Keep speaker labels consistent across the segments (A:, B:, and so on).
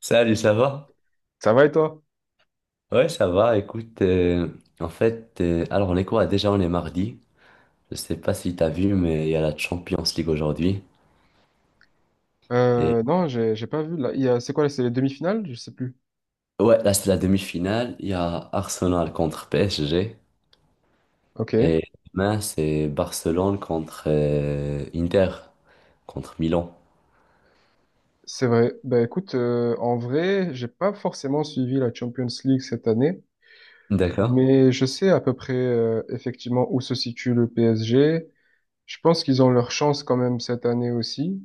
A: Salut, ça va?
B: Ça va et toi?
A: Ouais, ça va. Écoute, en fait, alors on est quoi? Déjà, on est mardi. Je sais pas si t'as vu, mais il y a la Champions League aujourd'hui. Et
B: Non, j'ai pas vu. Là, il y a, c'est quoi, c'est les demi-finales? Je sais plus.
A: ouais, là, c'est la demi-finale. Il y a Arsenal contre PSG.
B: Ok,
A: Et demain, c'est Barcelone contre Inter, contre Milan.
B: c'est vrai. Ben écoute, en vrai, j'ai pas forcément suivi la Champions League cette année,
A: D'accord?
B: mais je sais à peu près effectivement où se situe le PSG. Je pense qu'ils ont leur chance quand même cette année aussi.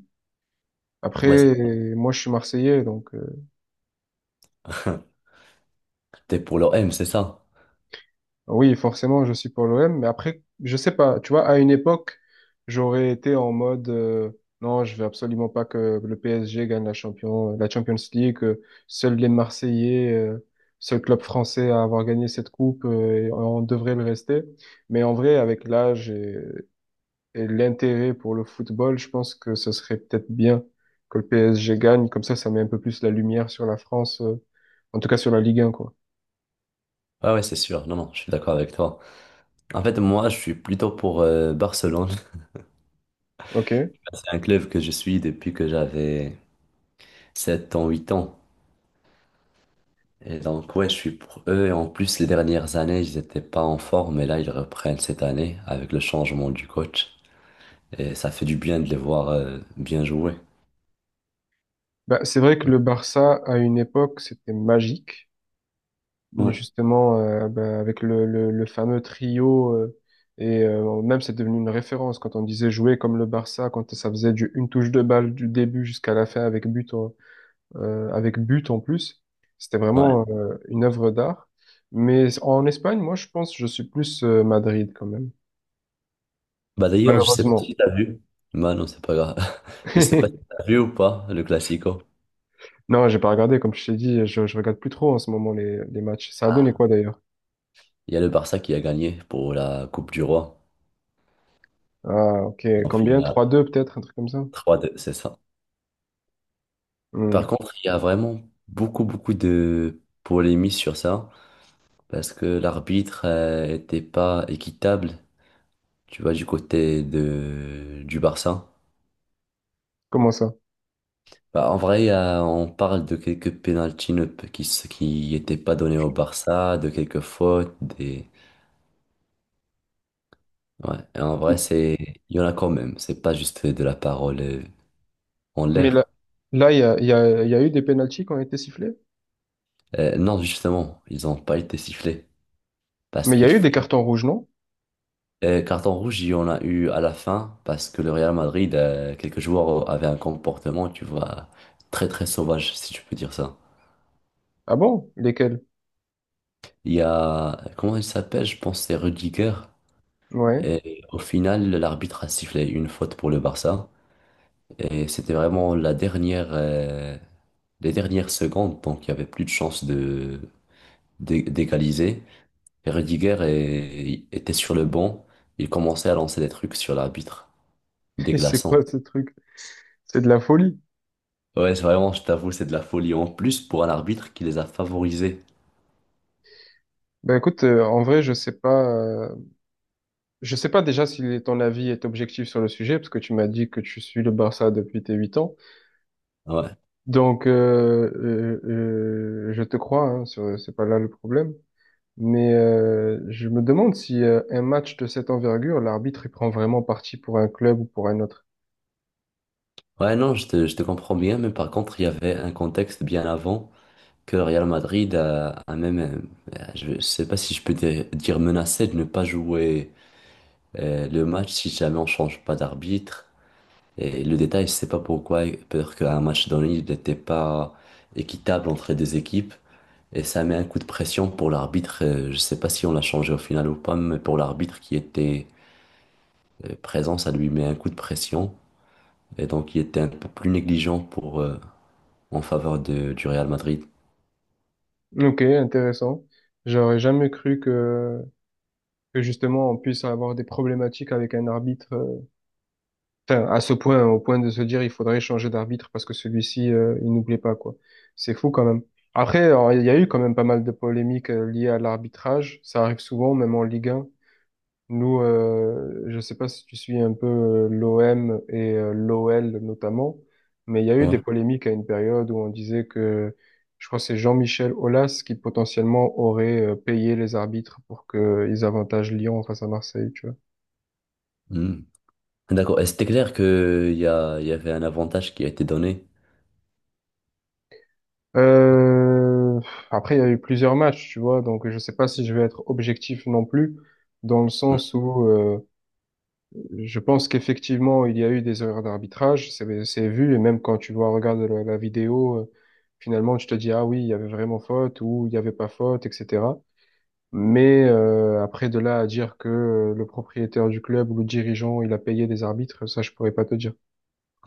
A: Ouais.
B: Après, moi, je suis Marseillais, donc.
A: T'es pour l'OM, c'est ça?
B: Oui, forcément, je suis pour l'OM, mais après, je sais pas, tu vois, à une époque, j'aurais été en mode non, je veux absolument pas que le PSG gagne la Champions League, que seuls les Marseillais, seul club français à avoir gagné cette coupe, et on devrait le rester. Mais en vrai, avec l'âge et l'intérêt pour le football, je pense que ce serait peut-être bien que le PSG gagne, comme ça met un peu plus la lumière sur la France, en tout cas sur la Ligue 1, quoi.
A: Ouais, ouais, c'est sûr. Non, non, je suis d'accord avec toi. En fait, moi, je suis plutôt pour Barcelone.
B: Ok?
A: C'est un club que je suis depuis que j'avais 7 ans, 8 ans. Et donc, ouais, je suis pour eux. Et en plus, les dernières années, ils n'étaient pas en forme. Mais là, ils reprennent cette année avec le changement du coach. Et ça fait du bien de les voir bien jouer.
B: Bah, c'est vrai que le Barça, à une époque, c'était magique.
A: Ouais,
B: Justement, bah, avec le fameux trio, même c'est devenu une référence quand on disait jouer comme le Barça, quand ça faisait du, une touche de balle du début jusqu'à la fin avec but en plus. C'était
A: ouais.
B: vraiment une œuvre d'art. Mais en Espagne, moi, je pense, je suis plus Madrid quand même.
A: Bah d'ailleurs, je sais pas
B: Malheureusement.
A: si t'as vu. Bah non, c'est pas grave. Je sais pas si t'as vu ou pas le Classico.
B: Non, j'ai pas regardé, comme je t'ai dit, je regarde plus trop en ce moment les matchs. Ça a donné
A: Ah.
B: quoi d'ailleurs?
A: Il y a le Barça qui a gagné pour la Coupe du Roi.
B: Ah, ok.
A: En
B: Combien?
A: finale,
B: 3-2 peut-être, un truc comme ça?
A: 3-2, c'est ça.
B: Hmm.
A: Par contre, il y a vraiment beaucoup, beaucoup de polémies sur ça, parce que l'arbitre était pas équitable, tu vois, du côté de du Barça.
B: Comment ça?
A: Bah, en vrai, on parle de quelques pénaltys qui n'étaient pas donnés au Barça, de quelques fautes, des ouais. Et en vrai, c'est il y en a quand même. C'est pas juste de la parole en
B: Mais là,
A: l'air.
B: là, il y a, il y a, il y a eu des pénaltys qui ont été sifflés.
A: Non, justement, ils ont pas été sifflés parce
B: Mais il y
A: qu'il
B: a eu
A: fa-
B: des cartons rouges, non?
A: carton rouge, il y en a eu à la fin parce que le Real Madrid, quelques joueurs avaient un comportement, tu vois, très très sauvage, si tu peux dire ça.
B: Ah bon? Lesquels?
A: Il y a, comment il s'appelle? Je pense que c'est Rudiger.
B: Ouais.
A: Et au final, l'arbitre a sifflé une faute pour le Barça. Et c'était vraiment les dernières secondes. Donc, il n'y avait plus de chance d'égaliser. Et Rudiger était sur le banc. Il commençait à lancer des trucs sur l'arbitre,
B: Et c'est
A: déglaçant.
B: quoi ce truc? C'est de la folie.
A: Ouais, c'est vraiment, je t'avoue, c'est de la folie. En plus, pour un arbitre qui les a favorisés.
B: Ben écoute, en vrai, je sais pas. euh, je sais pas déjà si ton avis est objectif sur le sujet, parce que tu m'as dit que tu suis le Barça depuis tes 8 ans.
A: Ouais.
B: Donc, je te crois, hein, c'est pas là le problème. Mais je me demande si un match de cette envergure, l'arbitre, il prend vraiment parti pour un club ou pour un autre.
A: Ouais, non, je te comprends bien, mais par contre, il y avait un contexte bien avant, que le Real Madrid a même, je ne sais pas si je peux dire menacé de ne pas jouer le match si jamais on change pas d'arbitre. Et le détail, je sais pas pourquoi, peut-être qu'un match donné, il n'était pas équitable entre les deux équipes. Et ça met un coup de pression pour l'arbitre. Je sais pas si on l'a changé au final ou pas, mais pour l'arbitre qui était présent, ça lui met un coup de pression. Et donc, il était un peu plus négligent en faveur du Real Madrid.
B: Ok, intéressant. J'aurais jamais cru que justement on puisse avoir des problématiques avec un arbitre, enfin à ce point, au point de se dire il faudrait changer d'arbitre parce que celui-ci il nous plaît pas quoi. C'est fou quand même. Après, alors, il y a eu quand même pas mal de polémiques liées à l'arbitrage. Ça arrive souvent, même en Ligue 1. Nous, je sais pas si tu suis un peu l'OM et l'OL notamment, mais il y a eu des
A: Ouais.
B: polémiques à une période où on disait que, je crois que c'est Jean-Michel Aulas qui potentiellement aurait payé les arbitres pour qu'ils avantagent Lyon face à Marseille, tu vois.
A: Hmm. D'accord. Et c'était clair que il y avait un avantage qui a été donné.
B: Euh, Après, il y a eu plusieurs matchs, tu vois, donc je sais pas si je vais être objectif non plus, dans le
A: Mm.
B: sens où je pense qu'effectivement, il y a eu des erreurs d'arbitrage, c'est vu, et même quand tu vois, regarde la vidéo, finalement, tu te dis, ah oui, il y avait vraiment faute ou il n'y avait pas faute, etc. Mais après, de là à dire que le propriétaire du club ou le dirigeant, il a payé des arbitres, ça, je pourrais pas te dire.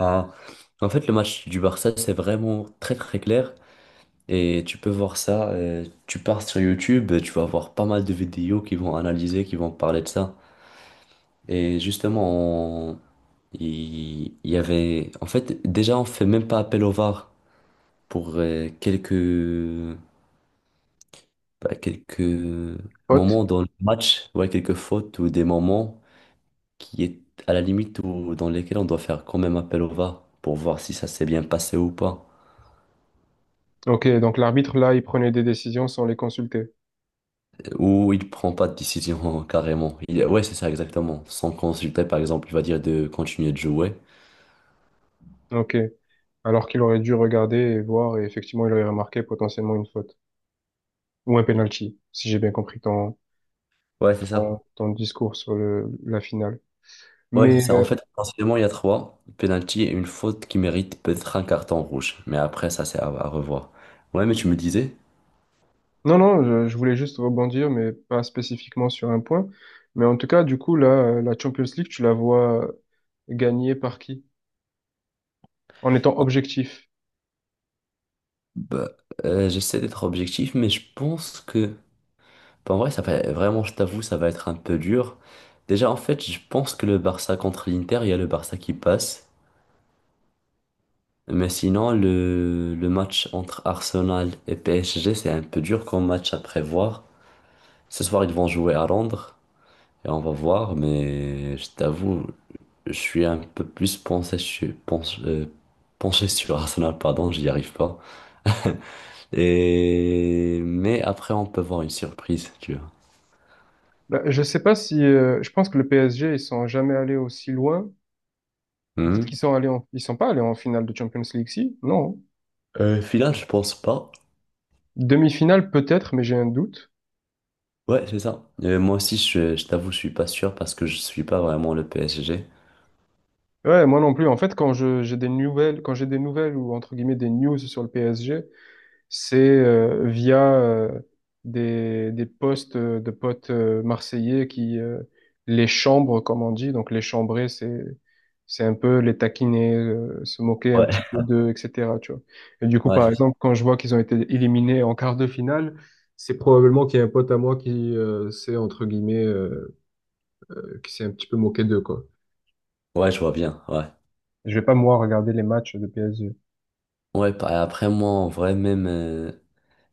A: Ah. En fait, le match du Barça, c'est vraiment très très clair. Et tu peux voir ça. Tu pars sur YouTube, tu vas voir pas mal de vidéos qui vont analyser, qui vont parler de ça. Et justement, il y avait. En fait, déjà, on fait même pas appel au VAR pour quelques
B: Faute?
A: moments dans le match, ouais, quelques fautes ou des moments qui est à la limite où, dans lesquels on doit faire quand même appel au VAR pour voir si ça s'est bien passé ou pas.
B: Ok, donc l'arbitre, là, il prenait des décisions sans les consulter.
A: Ou il prend pas de décision carrément. Ouais, c'est ça exactement. Sans consulter, par exemple, il va dire de continuer de jouer.
B: Ok. Alors qu'il aurait dû regarder et voir, et effectivement, il aurait remarqué potentiellement une faute ou un penalty, si j'ai bien compris ton,
A: Ouais, c'est ça.
B: ton, ton discours sur la finale.
A: Ouais, c'est
B: Mais
A: ça. En fait, forcément, il y a trois penalty et une faute qui mérite peut-être un carton rouge. Mais après, ça, c'est à revoir. Ouais, mais tu me disais,
B: non, non, je voulais juste rebondir, mais pas spécifiquement sur un point. Mais en tout cas, du coup, là, la Champions League, tu la vois gagner par qui? En étant
A: ah,
B: objectif.
A: bah, j'essaie d'être objectif, mais je pense que bah, en vrai, ça va vraiment, je t'avoue, ça va être un peu dur. Déjà, en fait, je pense que le Barça contre l'Inter, il y a le Barça qui passe. Mais sinon, le match entre Arsenal et PSG, c'est un peu dur comme match à prévoir. Ce soir, ils vont jouer à Londres et on va voir. Mais je t'avoue, je suis un peu plus penché, penché sur Arsenal, pardon, j'y arrive pas. Et... Mais après, on peut voir une surprise, tu vois.
B: Là, je sais pas si, je pense que le PSG, ils sont jamais allés aussi loin. Ou peut-être qu'ils
A: Mhm.
B: sont allés ils sont pas allés en finale de Champions League, si? Non.
A: Final, je pense pas.
B: Demi-finale, peut-être, mais j'ai un doute.
A: Ouais, c'est ça. Moi aussi, je t'avoue, je suis pas sûr parce que je suis pas vraiment le PSG.
B: Ouais, moi non plus. En fait, quand j'ai des nouvelles ou entre guillemets des news sur le PSG, c'est via des postes de potes marseillais qui les chambrent, comme on dit. Donc les chambrer, c'est un peu les taquiner, se moquer un
A: Ouais.
B: petit peu d'eux, etc. Tu vois. Et du coup,
A: Ouais,
B: par
A: c'est ça.
B: exemple, quand je vois qu'ils ont été éliminés en quart de finale, c'est probablement qu'il y a un pote à moi qui s'est, entre guillemets, qui s'est un petit peu moqué d'eux, quoi.
A: Ouais, je vois bien. Ouais.
B: Je vais pas, moi, regarder les matchs de PSG.
A: Ouais, après, moi, en vrai, même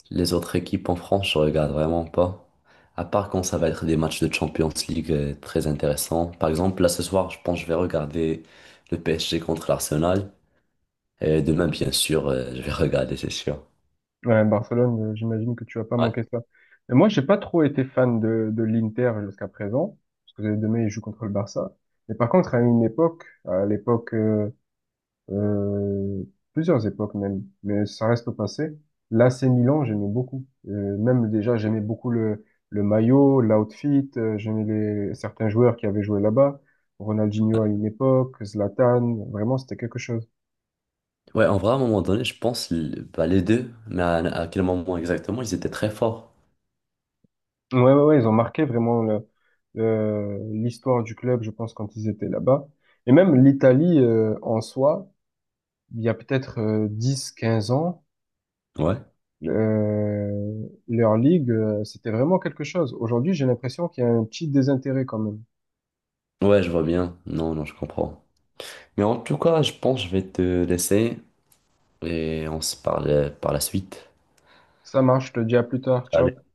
A: les autres équipes en France, je regarde vraiment pas. À part quand ça va être des matchs de Champions League très intéressants. Par exemple, là, ce soir, je pense que je vais regarder le PSG contre l'Arsenal. Et demain, bien sûr, je vais regarder, c'est sûr.
B: Ouais, Barcelone, j'imagine que tu vas pas
A: Ouais.
B: manquer ça. Et moi, j'ai pas trop été fan de l'Inter jusqu'à présent, parce que demain, ils jouent contre le Barça. Mais par contre, à une époque, à l'époque, euh, plusieurs époques même, mais ça reste au passé, l'AC Milan, j'aimais beaucoup. Même déjà, j'aimais beaucoup le maillot, l'outfit, j'aimais certains joueurs qui avaient joué là-bas. Ronaldinho à une époque, Zlatan, vraiment, c'était quelque chose.
A: Ouais, en vrai, à un moment donné, je pense, bah, les deux, mais à quel moment exactement, ils étaient très forts.
B: Ouais, ouais, ouais, ils ont marqué vraiment l'histoire du club, je pense, quand ils étaient là-bas. Et même l'Italie, en soi, il y a peut-être 10, 15 ans,
A: Ouais.
B: leur ligue, c'était vraiment quelque chose. Aujourd'hui, j'ai l'impression qu'il y a un petit désintérêt quand même.
A: Ouais, je vois bien. Non, non, je comprends. Mais en tout cas, je pense que je vais te laisser et on se parle par la suite.
B: Ça marche, je te dis à plus tard, ciao.
A: Salut.